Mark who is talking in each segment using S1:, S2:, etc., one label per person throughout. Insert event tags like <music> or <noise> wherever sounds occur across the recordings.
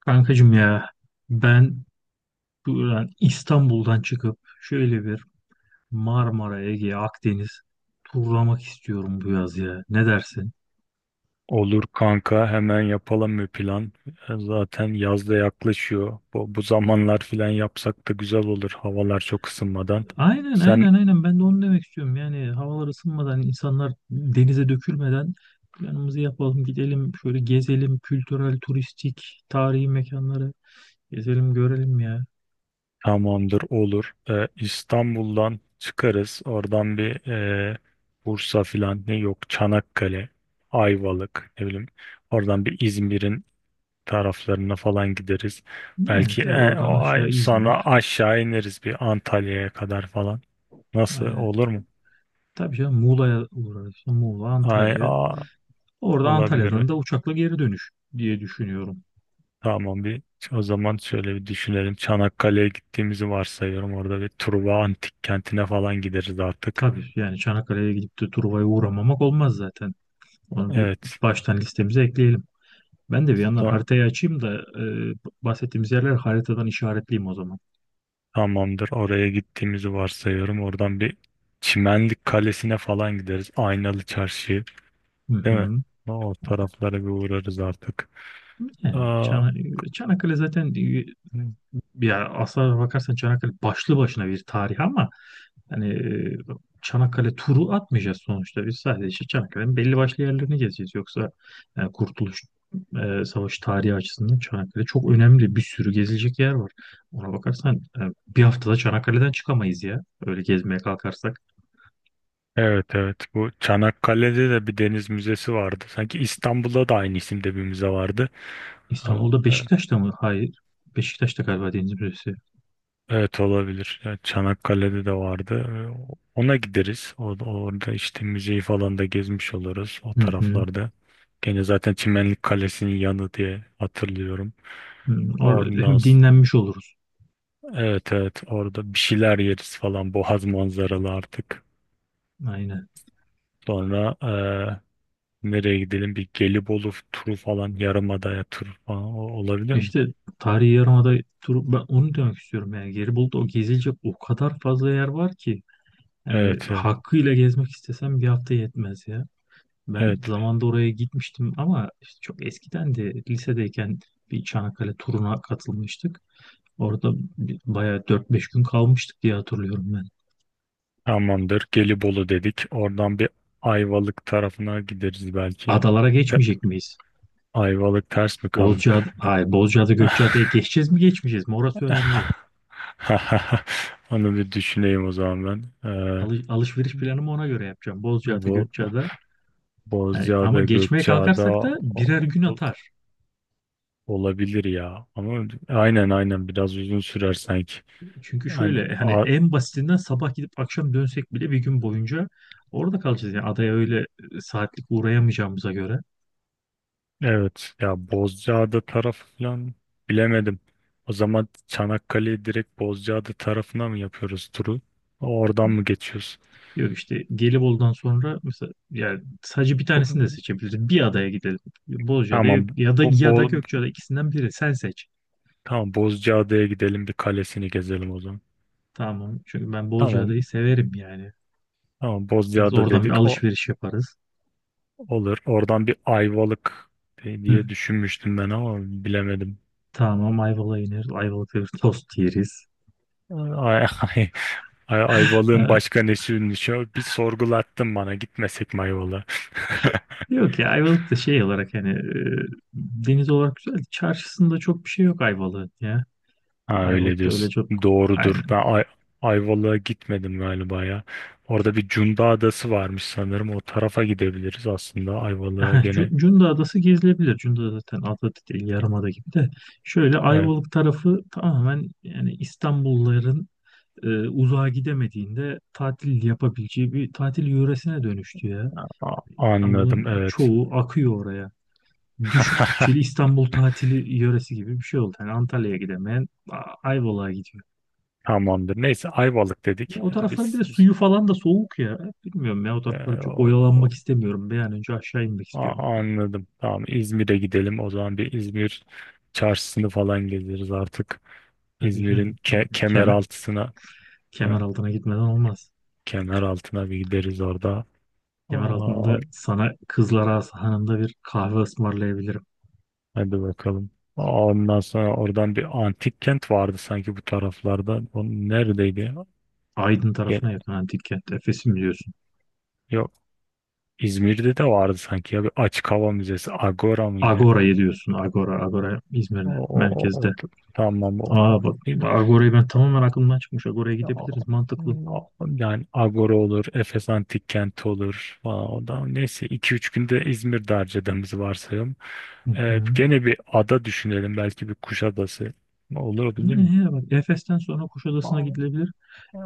S1: Kankacım ya ben buradan İstanbul'dan çıkıp şöyle bir Marmara, Ege, Akdeniz turlamak istiyorum bu yaz ya. Ne dersin?
S2: Olur kanka hemen yapalım bir plan. Zaten yaz da yaklaşıyor. Bu zamanlar filan yapsak da güzel olur havalar çok ısınmadan.
S1: Aynen
S2: Sen
S1: aynen aynen ben de onu demek istiyorum. Yani havalar ısınmadan insanlar denize dökülmeden planımızı yapalım gidelim şöyle gezelim kültürel, turistik, tarihi mekanları gezelim görelim ya.
S2: tamamdır olur. İstanbul'dan çıkarız. Oradan bir Bursa filan ne yok Çanakkale, Ayvalık ne bileyim. Oradan bir İzmir'in taraflarına falan gideriz.
S1: Ne
S2: Belki
S1: tabii oradan aşağı
S2: sonra
S1: İzmir.
S2: aşağı ineriz bir Antalya'ya kadar falan. Nasıl
S1: Aynen.
S2: olur mu?
S1: Tabii canım Muğla'ya uğrarız. Muğla,
S2: Ay,
S1: Antalya.
S2: a-
S1: Orada Antalya'dan
S2: Olabilir.
S1: da uçakla geri dönüş diye düşünüyorum.
S2: Tamam bir o zaman şöyle bir düşünelim. Çanakkale'ye gittiğimizi varsayıyorum. Orada bir Truva Antik Kenti'ne falan gideriz artık.
S1: Tabii yani Çanakkale'ye gidip de Truva'ya uğramamak olmaz zaten. Onu bir
S2: Evet.
S1: baştan listemize ekleyelim. Ben de bir yandan
S2: Ta-
S1: haritayı açayım da e, bahsettiğimiz yerler haritadan işaretleyeyim o zaman.
S2: Tamamdır. Oraya gittiğimizi varsayıyorum. Oradan bir Çimenlik Kalesi'ne falan gideriz. Aynalı Çarşı'yı.
S1: Hı
S2: Değil mi?
S1: hı.
S2: O taraflara bir uğrarız artık.
S1: Yani
S2: Aa,
S1: Çanakkale zaten ya aslına bakarsan Çanakkale başlı başına bir tarih ama hani Çanakkale turu atmayacağız sonuçta. Biz sadece işte Çanakkale'nin belli başlı yerlerini gezeceğiz. Yoksa Kurtuluş Savaşı tarihi açısından Çanakkale çok önemli. Bir sürü gezilecek yer var. Ona bakarsan bir haftada Çanakkale'den çıkamayız ya. Öyle gezmeye kalkarsak.
S2: evet evet. Bu Çanakkale'de de bir deniz müzesi vardı. Sanki İstanbul'da da aynı isimde bir müze vardı. Ama
S1: İstanbul'da Beşiktaş'ta mı? Hayır. Beşiktaş'ta galiba Deniz Müzesi.
S2: evet, olabilir. Yani Çanakkale'de de vardı. Ona gideriz. Orada işte müzeyi falan da gezmiş oluruz o
S1: Hı hı.
S2: taraflarda. Gene zaten Çimenlik Kalesi'nin yanı diye hatırlıyorum.
S1: Hı.
S2: Oradan
S1: Hem
S2: s-
S1: dinlenmiş oluruz.
S2: evet evet, orada bir şeyler yeriz falan Boğaz manzaralı artık.
S1: Aynen.
S2: Sonra nereye gidelim? Bir Gelibolu turu falan Yarımada'ya turu falan olabilir mi?
S1: İşte tarihi yarımada turu, ben onu demek istiyorum yani Gelibolu'da o gezilecek o kadar fazla yer var ki. Yani
S2: Evet evet
S1: hakkıyla gezmek istesem bir hafta yetmez ya. Ben
S2: evet,
S1: zamanda oraya gitmiştim ama işte çok eskiden de lisedeyken bir Çanakkale turuna katılmıştık. Orada bayağı 4 5 gün kalmıştık diye hatırlıyorum ben.
S2: tamamdır. Gelibolu dedik. Oradan bir Ayvalık tarafına gideriz belki.
S1: Adalara geçmeyecek miyiz?
S2: Ayvalık ters mi kaldı?
S1: Bozcaada, hayır Bozcaada Gökçeada'ya
S2: <laughs>
S1: geçeceğiz mi geçmeyeceğiz mi? Orası önemli.
S2: <laughs> Onu bir düşüneyim o zaman ben.
S1: Alışveriş planımı ona göre yapacağım. Bozcaada
S2: Bu
S1: Gökçeada. Yani ama
S2: Bozcaada,
S1: geçmeye
S2: Gökçeada
S1: kalkarsak da birer gün
S2: o-
S1: atar.
S2: olabilir ya. Ama aynen aynen biraz uzun sürer sanki.
S1: Çünkü
S2: Hani
S1: şöyle hani
S2: a-
S1: en basitinden sabah gidip akşam dönsek bile bir gün boyunca orada kalacağız. Yani adaya öyle saatlik uğrayamayacağımıza göre.
S2: evet ya, Bozcaada tarafı falan bilemedim. O zaman Çanakkale'yi direkt Bozcaada tarafına mı yapıyoruz turu? Oradan mı geçiyoruz?
S1: Yok işte Gelibolu'dan sonra mesela yani sadece bir tanesini de
S2: Bu-
S1: seçebiliriz. Bir adaya gidelim. Bozcaada
S2: Tamam. Bu,
S1: ya da Gökçeada ikisinden biri. Sen seç.
S2: Tamam, Bozcaada'ya gidelim, bir kalesini gezelim o zaman.
S1: Tamam. Çünkü ben
S2: Tamam
S1: Bozcaada'yı severim yani.
S2: tamam,
S1: Biz
S2: Bozcaada
S1: oradan bir
S2: dedik, o
S1: alışveriş yaparız.
S2: olur. Oradan bir Ayvalık
S1: Hı.
S2: diye düşünmüştüm ben, ama bilemedim.
S1: Tamam Ayvalık'a ineriz. Ayvalık'ta bir tost yeriz.
S2: Ay, ay, Ayvalık'ın
S1: Ee,
S2: başka nesiymiş ya? Bir sorgulattın bana, gitmesek mi Ayvalık'a? <laughs>
S1: Yok ya Ayvalık da şey olarak hani deniz olarak güzel. Çarşısında çok bir şey yok Ayvalık'ın ya.
S2: Ha, öyle
S1: Ayvalık'ta öyle
S2: diyorsun.
S1: çok
S2: Doğrudur.
S1: aynen.
S2: Ben Ayvalık'a gitmedim galiba ya. Orada bir Cunda Adası varmış sanırım. O tarafa gidebiliriz aslında Ayvalık'a
S1: <laughs>
S2: gene.
S1: Cunda Adası gezilebilir. Cunda zaten ada değil yarımada gibi de. Şöyle
S2: Evet.
S1: Ayvalık tarafı tamamen yani İstanbulluların uzağa gidemediğinde tatil yapabileceği bir tatil yöresine dönüştü ya. İstanbul'un
S2: Anladım, evet.
S1: çoğu akıyor oraya. Düşük
S2: <laughs>
S1: bütçeli İstanbul tatili yöresi gibi bir şey oldu. Yani Antalya'ya gidemeyen Ayvalık'a gidiyor.
S2: Tamamdır. Neyse, Ayvalık dedik.
S1: Ya o
S2: Ya
S1: tarafların bir
S2: Biz,
S1: de
S2: biz,
S1: suyu falan da soğuk ya. Bilmiyorum ya o
S2: e,
S1: taraflarda çok
S2: o,
S1: oyalanmak
S2: o-
S1: istemiyorum. Bir an önce aşağı inmek
S2: a-
S1: istiyorum.
S2: anladım. Tamam, İzmir'e gidelim. O zaman bir İzmir çarşısını falan gezeriz artık.
S1: Tabii
S2: İzmir'in
S1: yani
S2: ke kemer
S1: kemer,
S2: altına
S1: kemer altına gitmeden olmaz.
S2: kemer altına bir gideriz orada.
S1: Kemer
S2: Aa,
S1: altında sana Kızlar Ağası Hanı'nda bir kahve ısmarlayabilirim.
S2: hadi bakalım. Ondan sonra oradan bir antik kent vardı sanki bu taraflarda. O neredeydi ya?
S1: Aydın
S2: Ge-
S1: tarafına yakın antik kent. Efes'i mi diyorsun?
S2: Yok, İzmir'de de vardı sanki ya, bir açık hava müzesi. Agora mıydı?
S1: Agora'yı diyorsun. Agora, Agora
S2: O,
S1: İzmir'de,
S2: o, o, o-
S1: merkezde.
S2: tamam, o.
S1: Aa bak, Agora'yı ben tamamen aklımdan çıkmış. Agora'ya
S2: Ya,
S1: gidebiliriz, mantıklı.
S2: yani Agora olur, Efes Antik Kenti olur falan. O da neyse 2 üç günde İzmir'de harcadığımızı varsayalım.
S1: Hı hı.
S2: Gene bir ada düşünelim. Belki bir Kuşadası. Olur, bilir mi?
S1: Ne ya bak, Efes'ten sonra Kuşadası'na
S2: Aa,
S1: gidilebilir.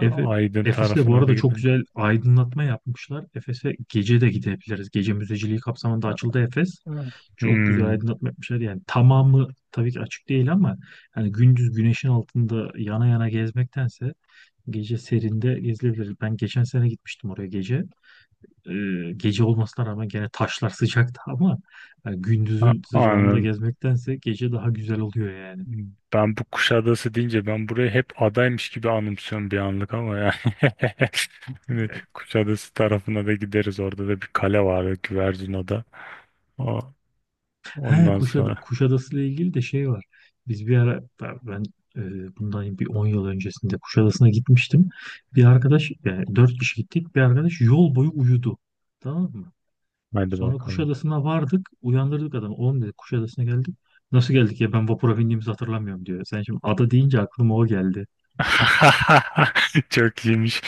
S1: Efe,
S2: Aydın
S1: Efes'te bu
S2: tarafına da
S1: arada çok
S2: gidelim.
S1: güzel aydınlatma yapmışlar. Efes'e gece de gidebiliriz. Gece müzeciliği kapsamında açıldı Efes. Çok güzel
S2: Hmm,
S1: aydınlatma yapmışlar. Yani tamamı tabii ki açık değil ama yani gündüz güneşin altında yana yana gezmektense gece serinde gezilebilir. Ben geçen sene gitmiştim oraya gece. Gece olmasına rağmen gene taşlar <laughs> sıcaktı ama yani gündüzün sıcağında
S2: anladım.
S1: gezmektense gece daha güzel oluyor yani.
S2: Bu Kuşadası deyince ben burayı hep adaymış gibi anımsıyorum bir anlık, ama yani. <laughs> Hani
S1: Ya
S2: Kuşadası tarafına da gideriz. Orada da bir kale var. Güvercin Ada.
S1: he,
S2: Ondan sonra
S1: Kuşadası ile ilgili de şey var. Biz bir ara bundan bir 10 yıl öncesinde Kuşadası'na gitmiştim. Bir arkadaş yani 4 kişi gittik. Bir arkadaş yol boyu uyudu. Tamam mı?
S2: hadi
S1: Sonra
S2: bakalım.
S1: Kuşadası'na vardık. Uyandırdık adamı. Oğlum dedi Kuşadası'na geldik. Nasıl geldik ya ben vapura bindiğimizi hatırlamıyorum diyor. Sen şimdi ada deyince aklıma o geldi.
S2: <laughs> Çok iyiymiş.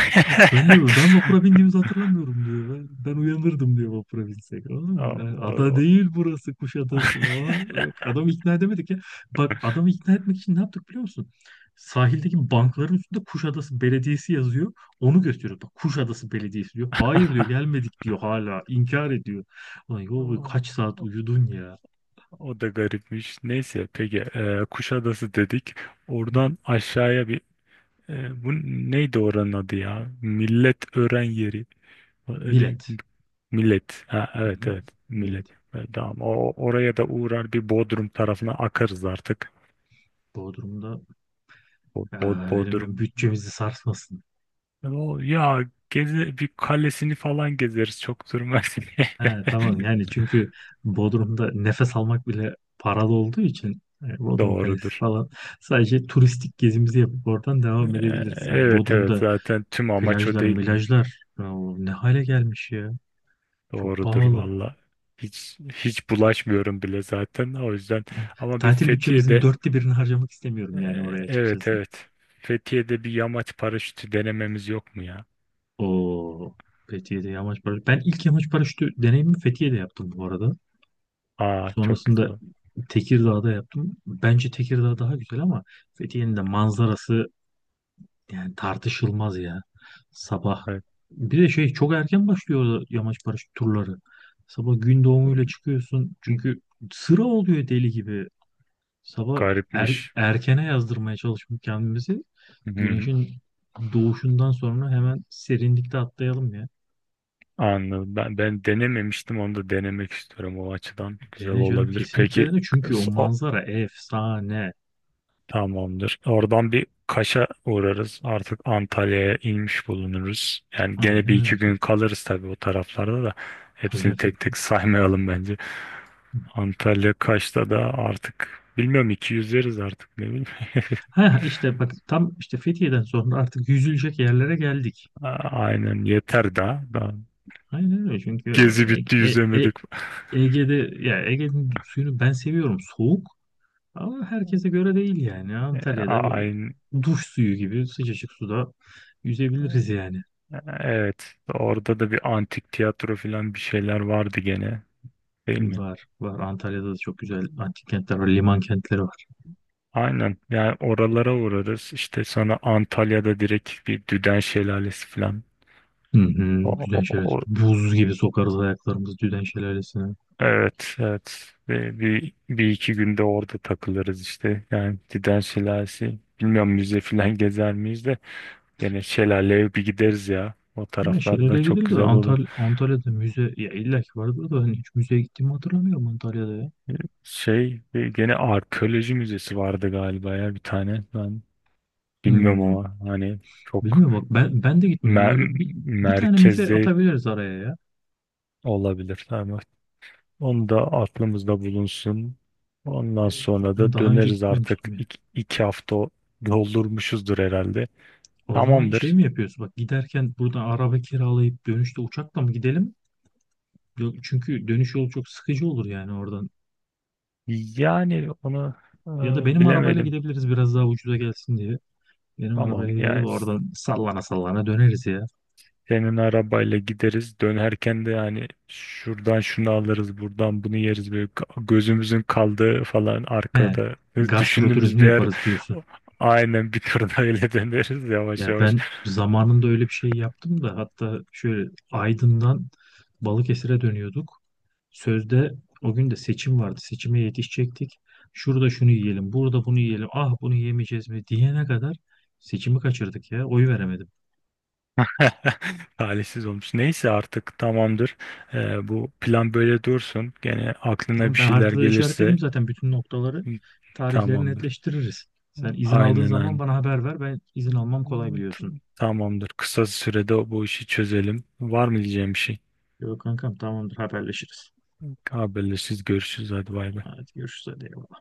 S2: <laughs>
S1: Ben diyorum ben vapura bindiğimizi hatırlamıyorum diyor. Ben uyanırdım diyor vapura binsek. Anladın
S2: Aa,
S1: mı? Yani ada
S2: O,
S1: değil burası Kuşadası falan. Yok, adamı ikna edemedik ya. Bak adamı ikna etmek için ne yaptık biliyor musun? Sahildeki bankların üstünde Kuşadası Belediyesi yazıyor. Onu gösteriyor. Bak Kuşadası Belediyesi diyor. Hayır diyor gelmedik diyor hala. İnkar ediyor. Ulan yol
S2: o-
S1: kaç
S2: <laughs>
S1: saat uyudun ya.
S2: o da garipmiş. Neyse, peki Kuşadası dedik. Oradan aşağıya bir e, bu neydi oranın adı ya? Milletören yeri. Öyle,
S1: Millet.
S2: millet. Ha,
S1: Hı
S2: evet
S1: hı.
S2: evet, millet.
S1: Millet.
S2: Tamam. Oraya da uğrar, bir Bodrum tarafına akarız artık.
S1: Bodrum'da eee, benim
S2: Bodrum.
S1: bütçemizi sarsmasın.
S2: Ya geze, bir kalesini falan gezeriz, çok durmaz.
S1: He, tamam yani
S2: <laughs>
S1: çünkü Bodrum'da nefes almak bile paralı olduğu için Bodrum Kalesi
S2: Doğrudur.
S1: falan sadece turistik gezimizi yapıp oradan devam edebiliriz. Hani
S2: Evet evet,
S1: Bodrum'da
S2: zaten tüm amaç o
S1: plajlar,
S2: değil mi?
S1: milajlar ya ne hale gelmiş ya. Çok
S2: Doğrudur
S1: pahalı.
S2: valla. Hiç hiç bulaşmıyorum bile zaten o yüzden.
S1: Yani
S2: Ama bir
S1: tatil bütçemizin 4'te birini harcamak
S2: E,
S1: istemiyorum yani oraya
S2: evet
S1: açıkçası.
S2: evet. Fethiye'de bir yamaç paraşütü denememiz yok mu ya?
S1: O Fethiye'de yamaç paraşütü. Ben ilk yamaç paraşütü deneyimi Fethiye'de yaptım bu arada.
S2: Aa çok
S1: Sonrasında
S2: güzel.
S1: Tekirdağ'da yaptım. Bence Tekirdağ daha güzel ama Fethiye'nin de manzarası yani tartışılmaz ya. Sabah.
S2: Evet.
S1: Bir de şey çok erken başlıyor yamaç paraşüt turları. Sabah gün doğumuyla çıkıyorsun. Çünkü sıra oluyor deli gibi. Sabah
S2: Garipmiş.
S1: erkene yazdırmaya çalışmış kendimizi.
S2: Hı hı.
S1: Güneşin doğuşundan sonra hemen serinlikte atlayalım ya.
S2: Anladım. Ben denememiştim, onu da denemek istiyorum o açıdan. Güzel
S1: Dene canım
S2: olabilir.
S1: kesinlikle dene. Çünkü o manzara efsane.
S2: Tamamdır. Oradan bir Kaş'a uğrarız. Artık Antalya'ya inmiş bulunuruz. Yani gene bir
S1: Aynen öyle.
S2: iki gün kalırız tabii o taraflarda da.
S1: Tabii
S2: Hepsini
S1: canım,
S2: tek tek <laughs> saymayalım bence. Antalya Kaş'ta da artık bilmiyorum iki yüzeriz artık ne bileyim. <laughs>
S1: ha işte bak tam işte Fethiye'den sonra artık yüzülecek yerlere geldik.
S2: A- Aynen, yeter daha. Daha.
S1: Aynen öyle çünkü
S2: Gezi bitti,
S1: E-
S2: yüzemedik. <laughs>
S1: Ege'de ya Ege'nin suyunu ben seviyorum soğuk ama herkese göre değil yani
S2: E,
S1: Antalya'da böyle
S2: Aynen.
S1: duş suyu gibi sıcacık suda yüzebiliriz yani.
S2: Evet, orada da bir antik tiyatro falan bir şeyler vardı gene, değil mi?
S1: Var var Antalya'da da çok güzel antik kentler var liman kentleri var.
S2: Aynen. Yani oralara uğrarız. İşte sonra Antalya'da direkt bir Düden Şelalesi falan.
S1: Hı
S2: O,
S1: hı, Düden
S2: o-
S1: Şelalesi
S2: o-
S1: buz gibi sokarız ayaklarımızı Düden Şelalesi'ne.
S2: evet, evet. Ve bir iki günde orada takılırız işte. Yani Düden Şelalesi. Bilmiyorum, müze falan <laughs> gezer miyiz de. Yine şelaleye bir gideriz ya. O
S1: Ya
S2: taraflarda
S1: şelale
S2: çok
S1: gidilir de
S2: güzel olur.
S1: Antalya'da müze ya illa ki vardır da hani hiç müzeye gittiğimi hatırlamıyorum Antalya'da ya.
S2: Gene arkeoloji müzesi vardı galiba ya, bir tane. Bilmiyorum
S1: Hı.
S2: ama hani çok
S1: Bilmiyorum bak ben de gitmedim.
S2: mer-
S1: Böyle bir bir tane müze
S2: merkezde
S1: atabiliriz araya ya.
S2: olabilir. Ama onu da aklımızda bulunsun. Ondan
S1: Ben
S2: sonra
S1: ben
S2: da
S1: daha önce
S2: döneriz artık,
S1: gitmemiştim ya.
S2: iki hafta doldurmuşuzdur herhalde.
S1: O zaman şey
S2: Tamamdır.
S1: mi yapıyorsun? Bak giderken buradan araba kiralayıp dönüşte uçakla mı gidelim? Çünkü dönüş yolu çok sıkıcı olur yani oradan.
S2: Yani onu
S1: Ya da benim arabayla
S2: bilemedim.
S1: gidebiliriz biraz daha ucuza gelsin diye. Benim
S2: Tamam,
S1: arabaya gideriz
S2: yani
S1: oradan sallana sallana döneriz ya.
S2: senin arabayla gideriz. Dönerken de yani şuradan şunu alırız, buradan bunu yeriz. Böyle gözümüzün kaldığı falan
S1: He,
S2: arkada. Biz
S1: gastro
S2: düşündüğümüz
S1: turizmi
S2: bir yer
S1: yaparız diyorsun.
S2: aynen bir turda öyle <laughs> döneriz yavaş
S1: Ya
S2: yavaş.
S1: ben zamanında öyle bir şey yaptım da hatta şöyle Aydın'dan Balıkesir'e dönüyorduk. Sözde o gün de seçim vardı. Seçime yetişecektik. Şurada şunu yiyelim, burada bunu yiyelim. Ah bunu yemeyeceğiz mi diyene kadar seçimi kaçırdık ya. Oy veremedim.
S2: <laughs> Talihsiz olmuş. Neyse artık tamamdır. Bu plan böyle dursun. Gene aklına
S1: Tamam
S2: bir
S1: ben
S2: şeyler
S1: haritada işaretledim
S2: gelirse
S1: zaten bütün noktaları. Tarihleri
S2: tamamdır.
S1: netleştiririz. Sen izin aldığın
S2: Aynen
S1: zaman
S2: aynen.
S1: bana haber ver. Ben izin almam kolay biliyorsun.
S2: Tamamdır. Kısa sürede bu işi çözelim. Var mı diyeceğim bir şey?
S1: Yok kankam tamamdır haberleşiriz.
S2: Haberleşiriz, görüşürüz. Hadi bay bay.
S1: Hadi görüşürüz hadi.